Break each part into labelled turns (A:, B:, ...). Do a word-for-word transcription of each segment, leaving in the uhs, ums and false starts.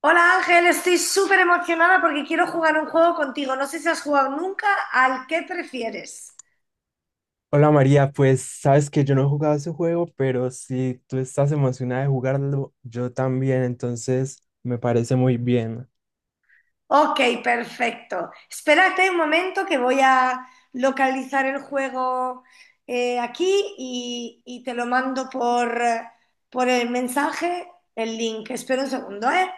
A: Hola Ángel, estoy súper emocionada porque quiero jugar un juego contigo. No sé si has jugado nunca al que prefieres.
B: Hola María, pues sabes que yo no he jugado ese juego, pero si tú estás emocionada de jugarlo, yo también, entonces me parece muy bien.
A: Ok, perfecto. Espérate un momento que voy a localizar el juego eh, aquí y, y te lo mando por, eh, por el mensaje, el link. Espera un segundo, ¿eh?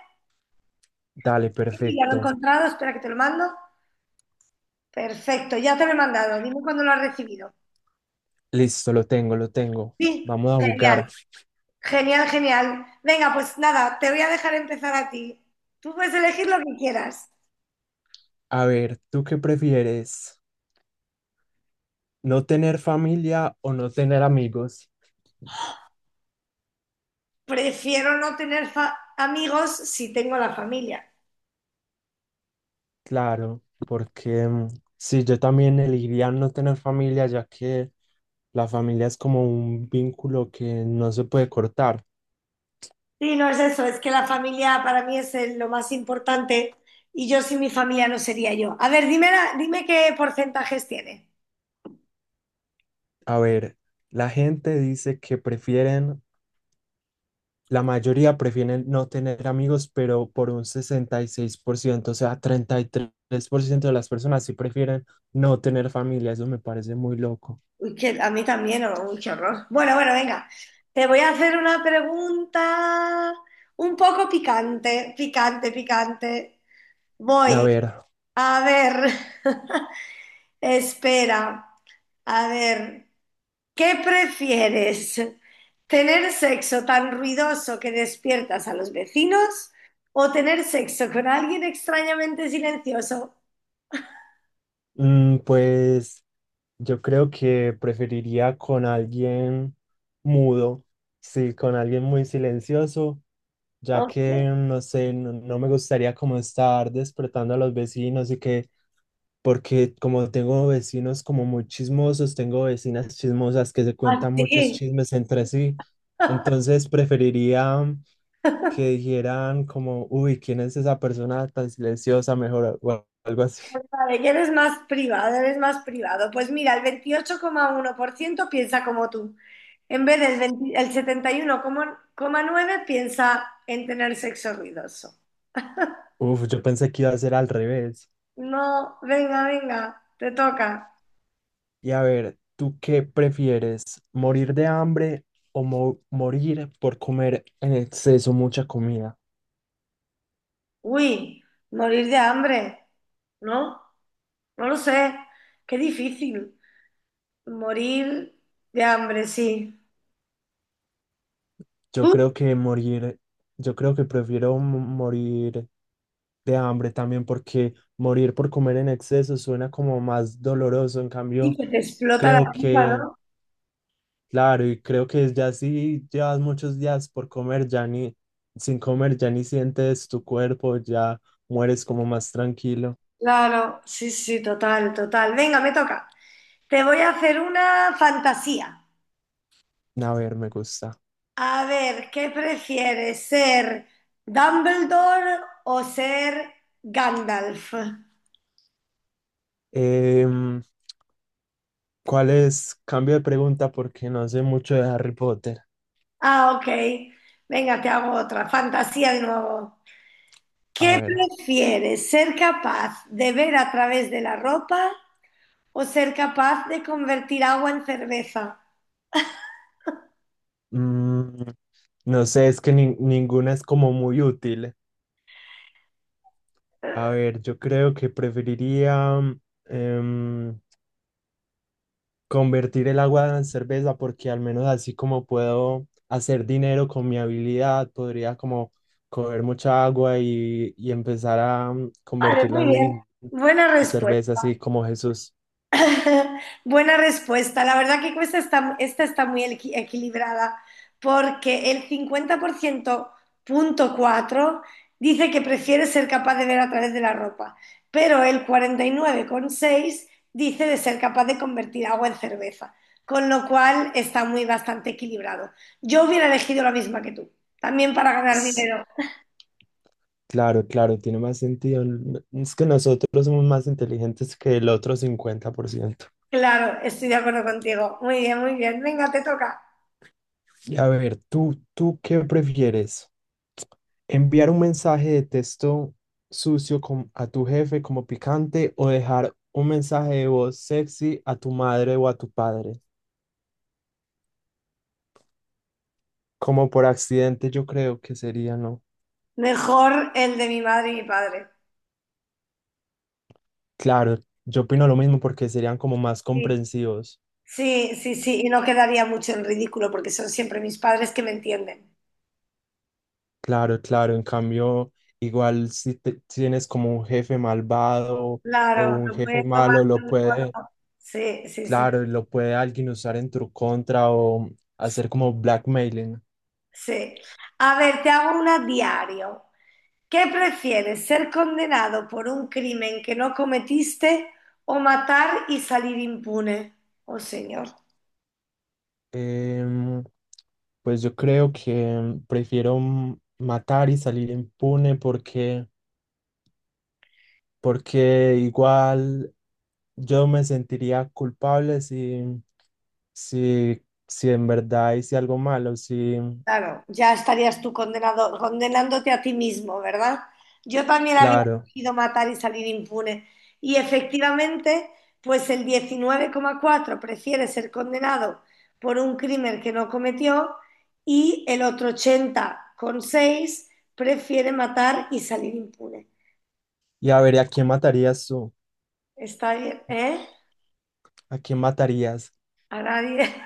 B: Dale,
A: Sí, ya lo he
B: perfecto.
A: encontrado, espera que te lo mando. Perfecto, ya te lo he mandado. Dime cuándo lo has recibido.
B: Listo, lo tengo, lo tengo.
A: Sí,
B: Vamos a
A: genial.
B: jugar.
A: Genial, genial. Venga, pues nada, te voy a dejar empezar a ti. Tú puedes elegir lo que quieras.
B: A ver, ¿tú qué prefieres? ¿No tener familia o no tener amigos?
A: Prefiero no tener fa- amigos si tengo la familia.
B: Claro, porque mm, sí, yo también elegiría no tener familia, ya que la familia es como un vínculo que no se puede cortar.
A: Sí, no es eso, es que la familia para mí es el- lo más importante y yo sin mi familia no sería yo. A ver, dime, la- dime qué porcentajes tiene.
B: A ver, la gente dice que prefieren, la mayoría prefieren no tener amigos, pero por un sesenta y seis por ciento, o sea, treinta y tres por ciento de las personas sí prefieren no tener familia. Eso me parece muy loco.
A: Uy, que a mí también, oh, uy, qué horror. Bueno, bueno, venga. Te voy a hacer una pregunta un poco picante, picante, picante.
B: A
A: Voy,
B: ver,
A: a ver. Espera, a ver, ¿qué prefieres? ¿Tener sexo tan ruidoso que despiertas a los vecinos o tener sexo con alguien extrañamente silencioso?
B: mm, pues yo creo que preferiría con alguien mudo, sí, con alguien muy silencioso ya
A: Ok.
B: que no sé, no, no me gustaría como estar despertando a los vecinos y que porque como tengo vecinos como muy chismosos, tengo vecinas chismosas que se cuentan muchos
A: Así,
B: chismes entre sí, entonces preferiría que dijeran como, uy, ¿quién es esa persona tan silenciosa? Mejor o a- algo así.
A: vale, que eres más privado, eres más privado. Pues mira, el veintiocho coma uno por ciento piensa como tú. En vez del veinte, el setenta y uno coma nueve por ciento piensa en tener sexo ruidoso.
B: Uf, yo pensé que iba a ser al revés.
A: No, venga, venga, te toca.
B: Y a ver, ¿tú qué prefieres? ¿Morir de hambre o mo- morir por comer en exceso mucha comida?
A: Uy, morir de hambre, ¿no? No lo sé. Qué difícil. Morir de hambre, sí. Tú
B: Yo creo que morir, yo creo que prefiero mo- morir de hambre también porque morir por comer en exceso suena como más doloroso. En
A: sí
B: cambio,
A: que te explota la
B: creo
A: pipa,
B: que,
A: ¿no?
B: claro, y creo que ya si llevas muchos días por comer, ya ni sin comer, ya ni sientes tu cuerpo, ya mueres como más tranquilo.
A: Claro, sí, sí, total, total. Venga, me toca. Te voy a hacer una fantasía.
B: A ver, me gusta.
A: A ver, ¿qué prefieres, ser Dumbledore o ser Gandalf?
B: Em, ¿Cuál es? Cambio de pregunta porque no sé mucho de Harry Potter.
A: Ah, ok. Venga, te hago otra. Fantasía de nuevo.
B: A
A: ¿Qué
B: ver.
A: prefieres, ser capaz de ver a través de la ropa o ser capaz de convertir agua en cerveza?
B: Mm, no sé, es que nin- ninguna es como muy útil. A ver, yo creo que preferiría mm, em, convertir el agua en cerveza porque al menos así como puedo hacer dinero con mi habilidad, podría como coger mucha agua y, y empezar a mm,
A: Vale,
B: convertirla
A: muy bien.
B: en
A: Buena
B: cerveza,
A: respuesta.
B: así como Jesús.
A: Buena respuesta. La verdad que esta está, esta está muy equi- equilibrada porque el cincuenta por ciento punto cuatro dice que prefiere ser capaz de ver a través de la ropa, pero el cuarenta y nueve coma seis dice de ser capaz de convertir agua en cerveza, con lo cual está muy bastante equilibrado. Yo hubiera elegido la misma que tú, también para ganar
B: Ps,
A: dinero.
B: Claro, claro, tiene más sentido. N- Es que nosotros somos más inteligentes que el otro cincuenta por ciento.
A: Claro, estoy de acuerdo contigo. Muy bien, muy bien. Venga, te toca.
B: Y a ver, ¿tú, tú qué prefieres? ¿Enviar un mensaje de texto sucio com- a tu jefe como picante o dejar un mensaje de voz sexy a tu madre o a tu padre? Como por accidente yo creo que sería, ¿no?
A: Mejor el de mi madre y mi padre.
B: Claro, yo opino lo mismo porque serían como más
A: Sí.
B: comprensivos.
A: Sí, sí, sí, y no quedaría mucho en ridículo porque son siempre mis padres que me entienden.
B: Claro, claro, en cambio, igual si te- si tienes como un jefe malvado o
A: Claro,
B: un
A: lo
B: jefe
A: puedes tomar
B: malo, lo
A: de un
B: puede...
A: modo- Sí, sí, sí,
B: Claro, y lo puede alguien usar en tu contra o hacer como blackmailing.
A: sí. A ver, te hago una diario. ¿Qué prefieres, ser condenado por un crimen que no cometiste o matar y salir impune? Oh, señor.
B: Em, pues yo creo que prefiero m- matar y salir impune porque, porque igual yo me sentiría culpable si, si, si en verdad hice algo malo, sí,
A: Claro, ya estarías tú condenado, condenándote a ti mismo, ¿verdad? Yo también había
B: claro.
A: decidido matar y salir impune. Y efectivamente, pues el diecinueve coma cuatro prefiere ser condenado por un crimen que no cometió y el otro ochenta coma seis prefiere matar y salir impune.
B: Y a ver, ¿y ¿a quién matarías tú?
A: Está bien, ¿eh?
B: ¿A quién matarías?
A: A nadie.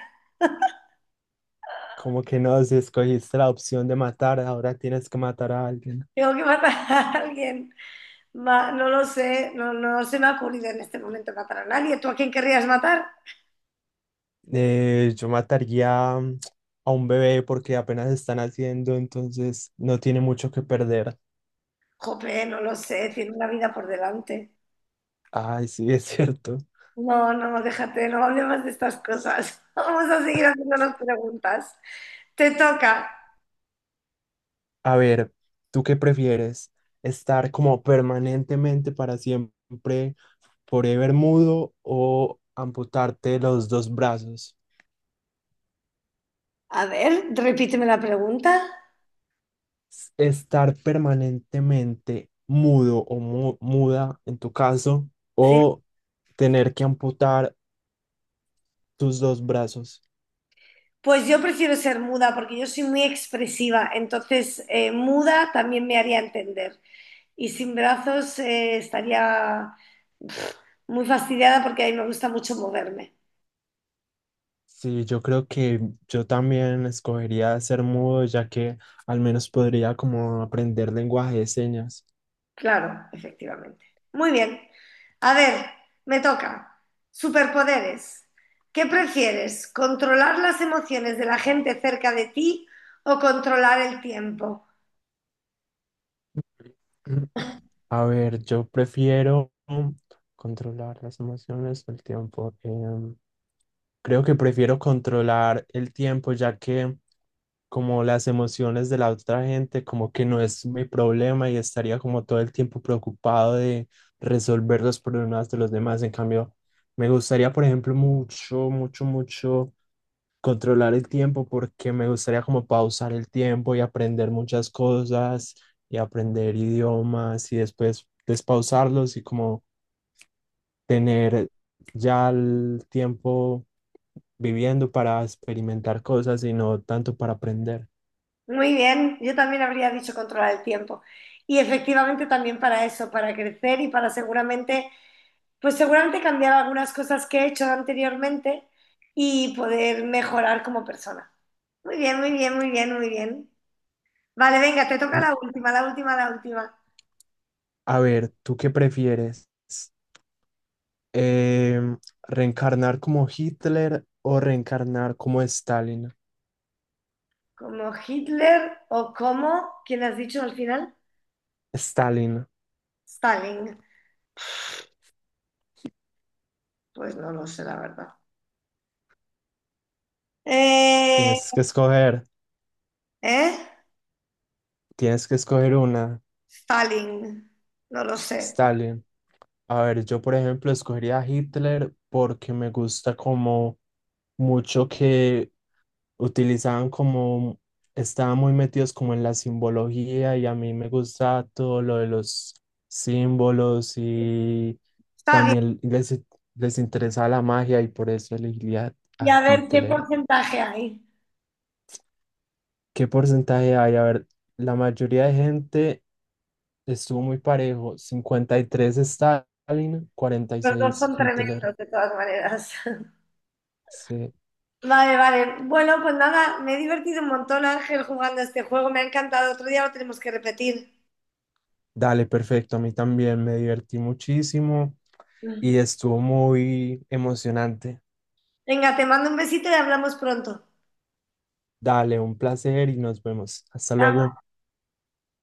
B: Como que no, si escogiste la opción de matar, ahora tienes que matar a alguien.
A: Tengo que matar a alguien. Ma- no lo sé, no, no se me ha ocurrido en este momento matar a nadie. ¿Tú a quién querrías matar?
B: Eh, yo mataría mm, a un bebé porque apenas están haciendo, entonces no tiene mucho que perder.
A: Jope, no lo sé, tiene una vida por delante.
B: Ay, sí, es cierto.
A: No, no, déjate, no hablemos de estas cosas. Vamos a seguir haciéndonos preguntas. Te toca.
B: A ver, ¿tú qué prefieres? ¿Estar como permanentemente para siempre, forever mudo o amputarte los dos brazos?
A: A ver, repíteme la pregunta.
B: S- ¿Estar permanentemente mudo o mu- muda en tu caso
A: Sí.
B: o tener que amputar tus dos brazos?
A: Pues yo prefiero ser muda porque yo soy muy expresiva, entonces eh, muda también me haría entender. Y sin brazos eh, estaría muy fastidiada porque a mí me gusta mucho moverme.
B: Sí, yo creo que yo también escogería ser mudo, ya que al menos podría como aprender lenguaje de señas.
A: Claro, efectivamente. Muy bien. A ver, me toca. Superpoderes. ¿Qué prefieres? ¿Controlar las emociones de la gente cerca de ti o controlar el tiempo?
B: A ver, yo prefiero controlar las emociones, el tiempo. Em, creo que prefiero controlar el tiempo, ya que como las emociones de la otra gente, como que no es mi problema y estaría como todo el tiempo preocupado de resolver los problemas de los demás. En cambio, me gustaría, por ejemplo, mucho, mucho, mucho controlar el tiempo porque me gustaría como pausar el tiempo y aprender muchas cosas y aprender idiomas y después despausarlos y como tener ya el tiempo viviendo para experimentar cosas y no tanto para aprender.
A: Muy bien, yo también habría dicho controlar el tiempo. Y efectivamente también para eso, para crecer y para seguramente, pues seguramente cambiar algunas cosas que he hecho anteriormente y poder mejorar como persona. Muy bien, muy bien, muy bien, muy bien. Vale, venga, te toca
B: N-
A: la última, la última, la última.
B: A ver, ¿tú qué prefieres? Em, ¿Reencarnar como Hitler o reencarnar como Stalin?
A: Como Hitler o como, ¿quién has dicho al final?
B: Stalin,
A: Stalin. Pues no lo sé, la verdad. Eh,
B: tienes que escoger,
A: ¿eh?
B: tienes que escoger una,
A: Stalin. No lo sé.
B: Stalin. A ver, yo por ejemplo escogería a Hitler porque me gusta como mucho que utilizaban como, estaban muy metidos como en la simbología y a mí me gusta todo lo de los símbolos y
A: Está bien.
B: también les, les interesa la magia y por eso elegiría
A: Y
B: a
A: a ver qué
B: Hitler.
A: porcentaje hay.
B: ¿Qué porcentaje hay? A ver, la mayoría de gente estuvo muy parejo, cincuenta y tres Stalin, cuarenta y
A: Los dos
B: seis
A: son
B: Hitler.
A: tremendos, de todas maneras.
B: Sí.
A: Vale, vale. Bueno, pues nada, me he divertido un montón, Ángel, jugando a este juego. Me ha encantado. Otro día lo tenemos que repetir.
B: Dale, perfecto. A mí también me divertí muchísimo y estuvo muy emocionante.
A: Venga, te mando un besito y hablamos pronto.
B: Dale, un placer y nos vemos. Hasta
A: Chao.
B: luego.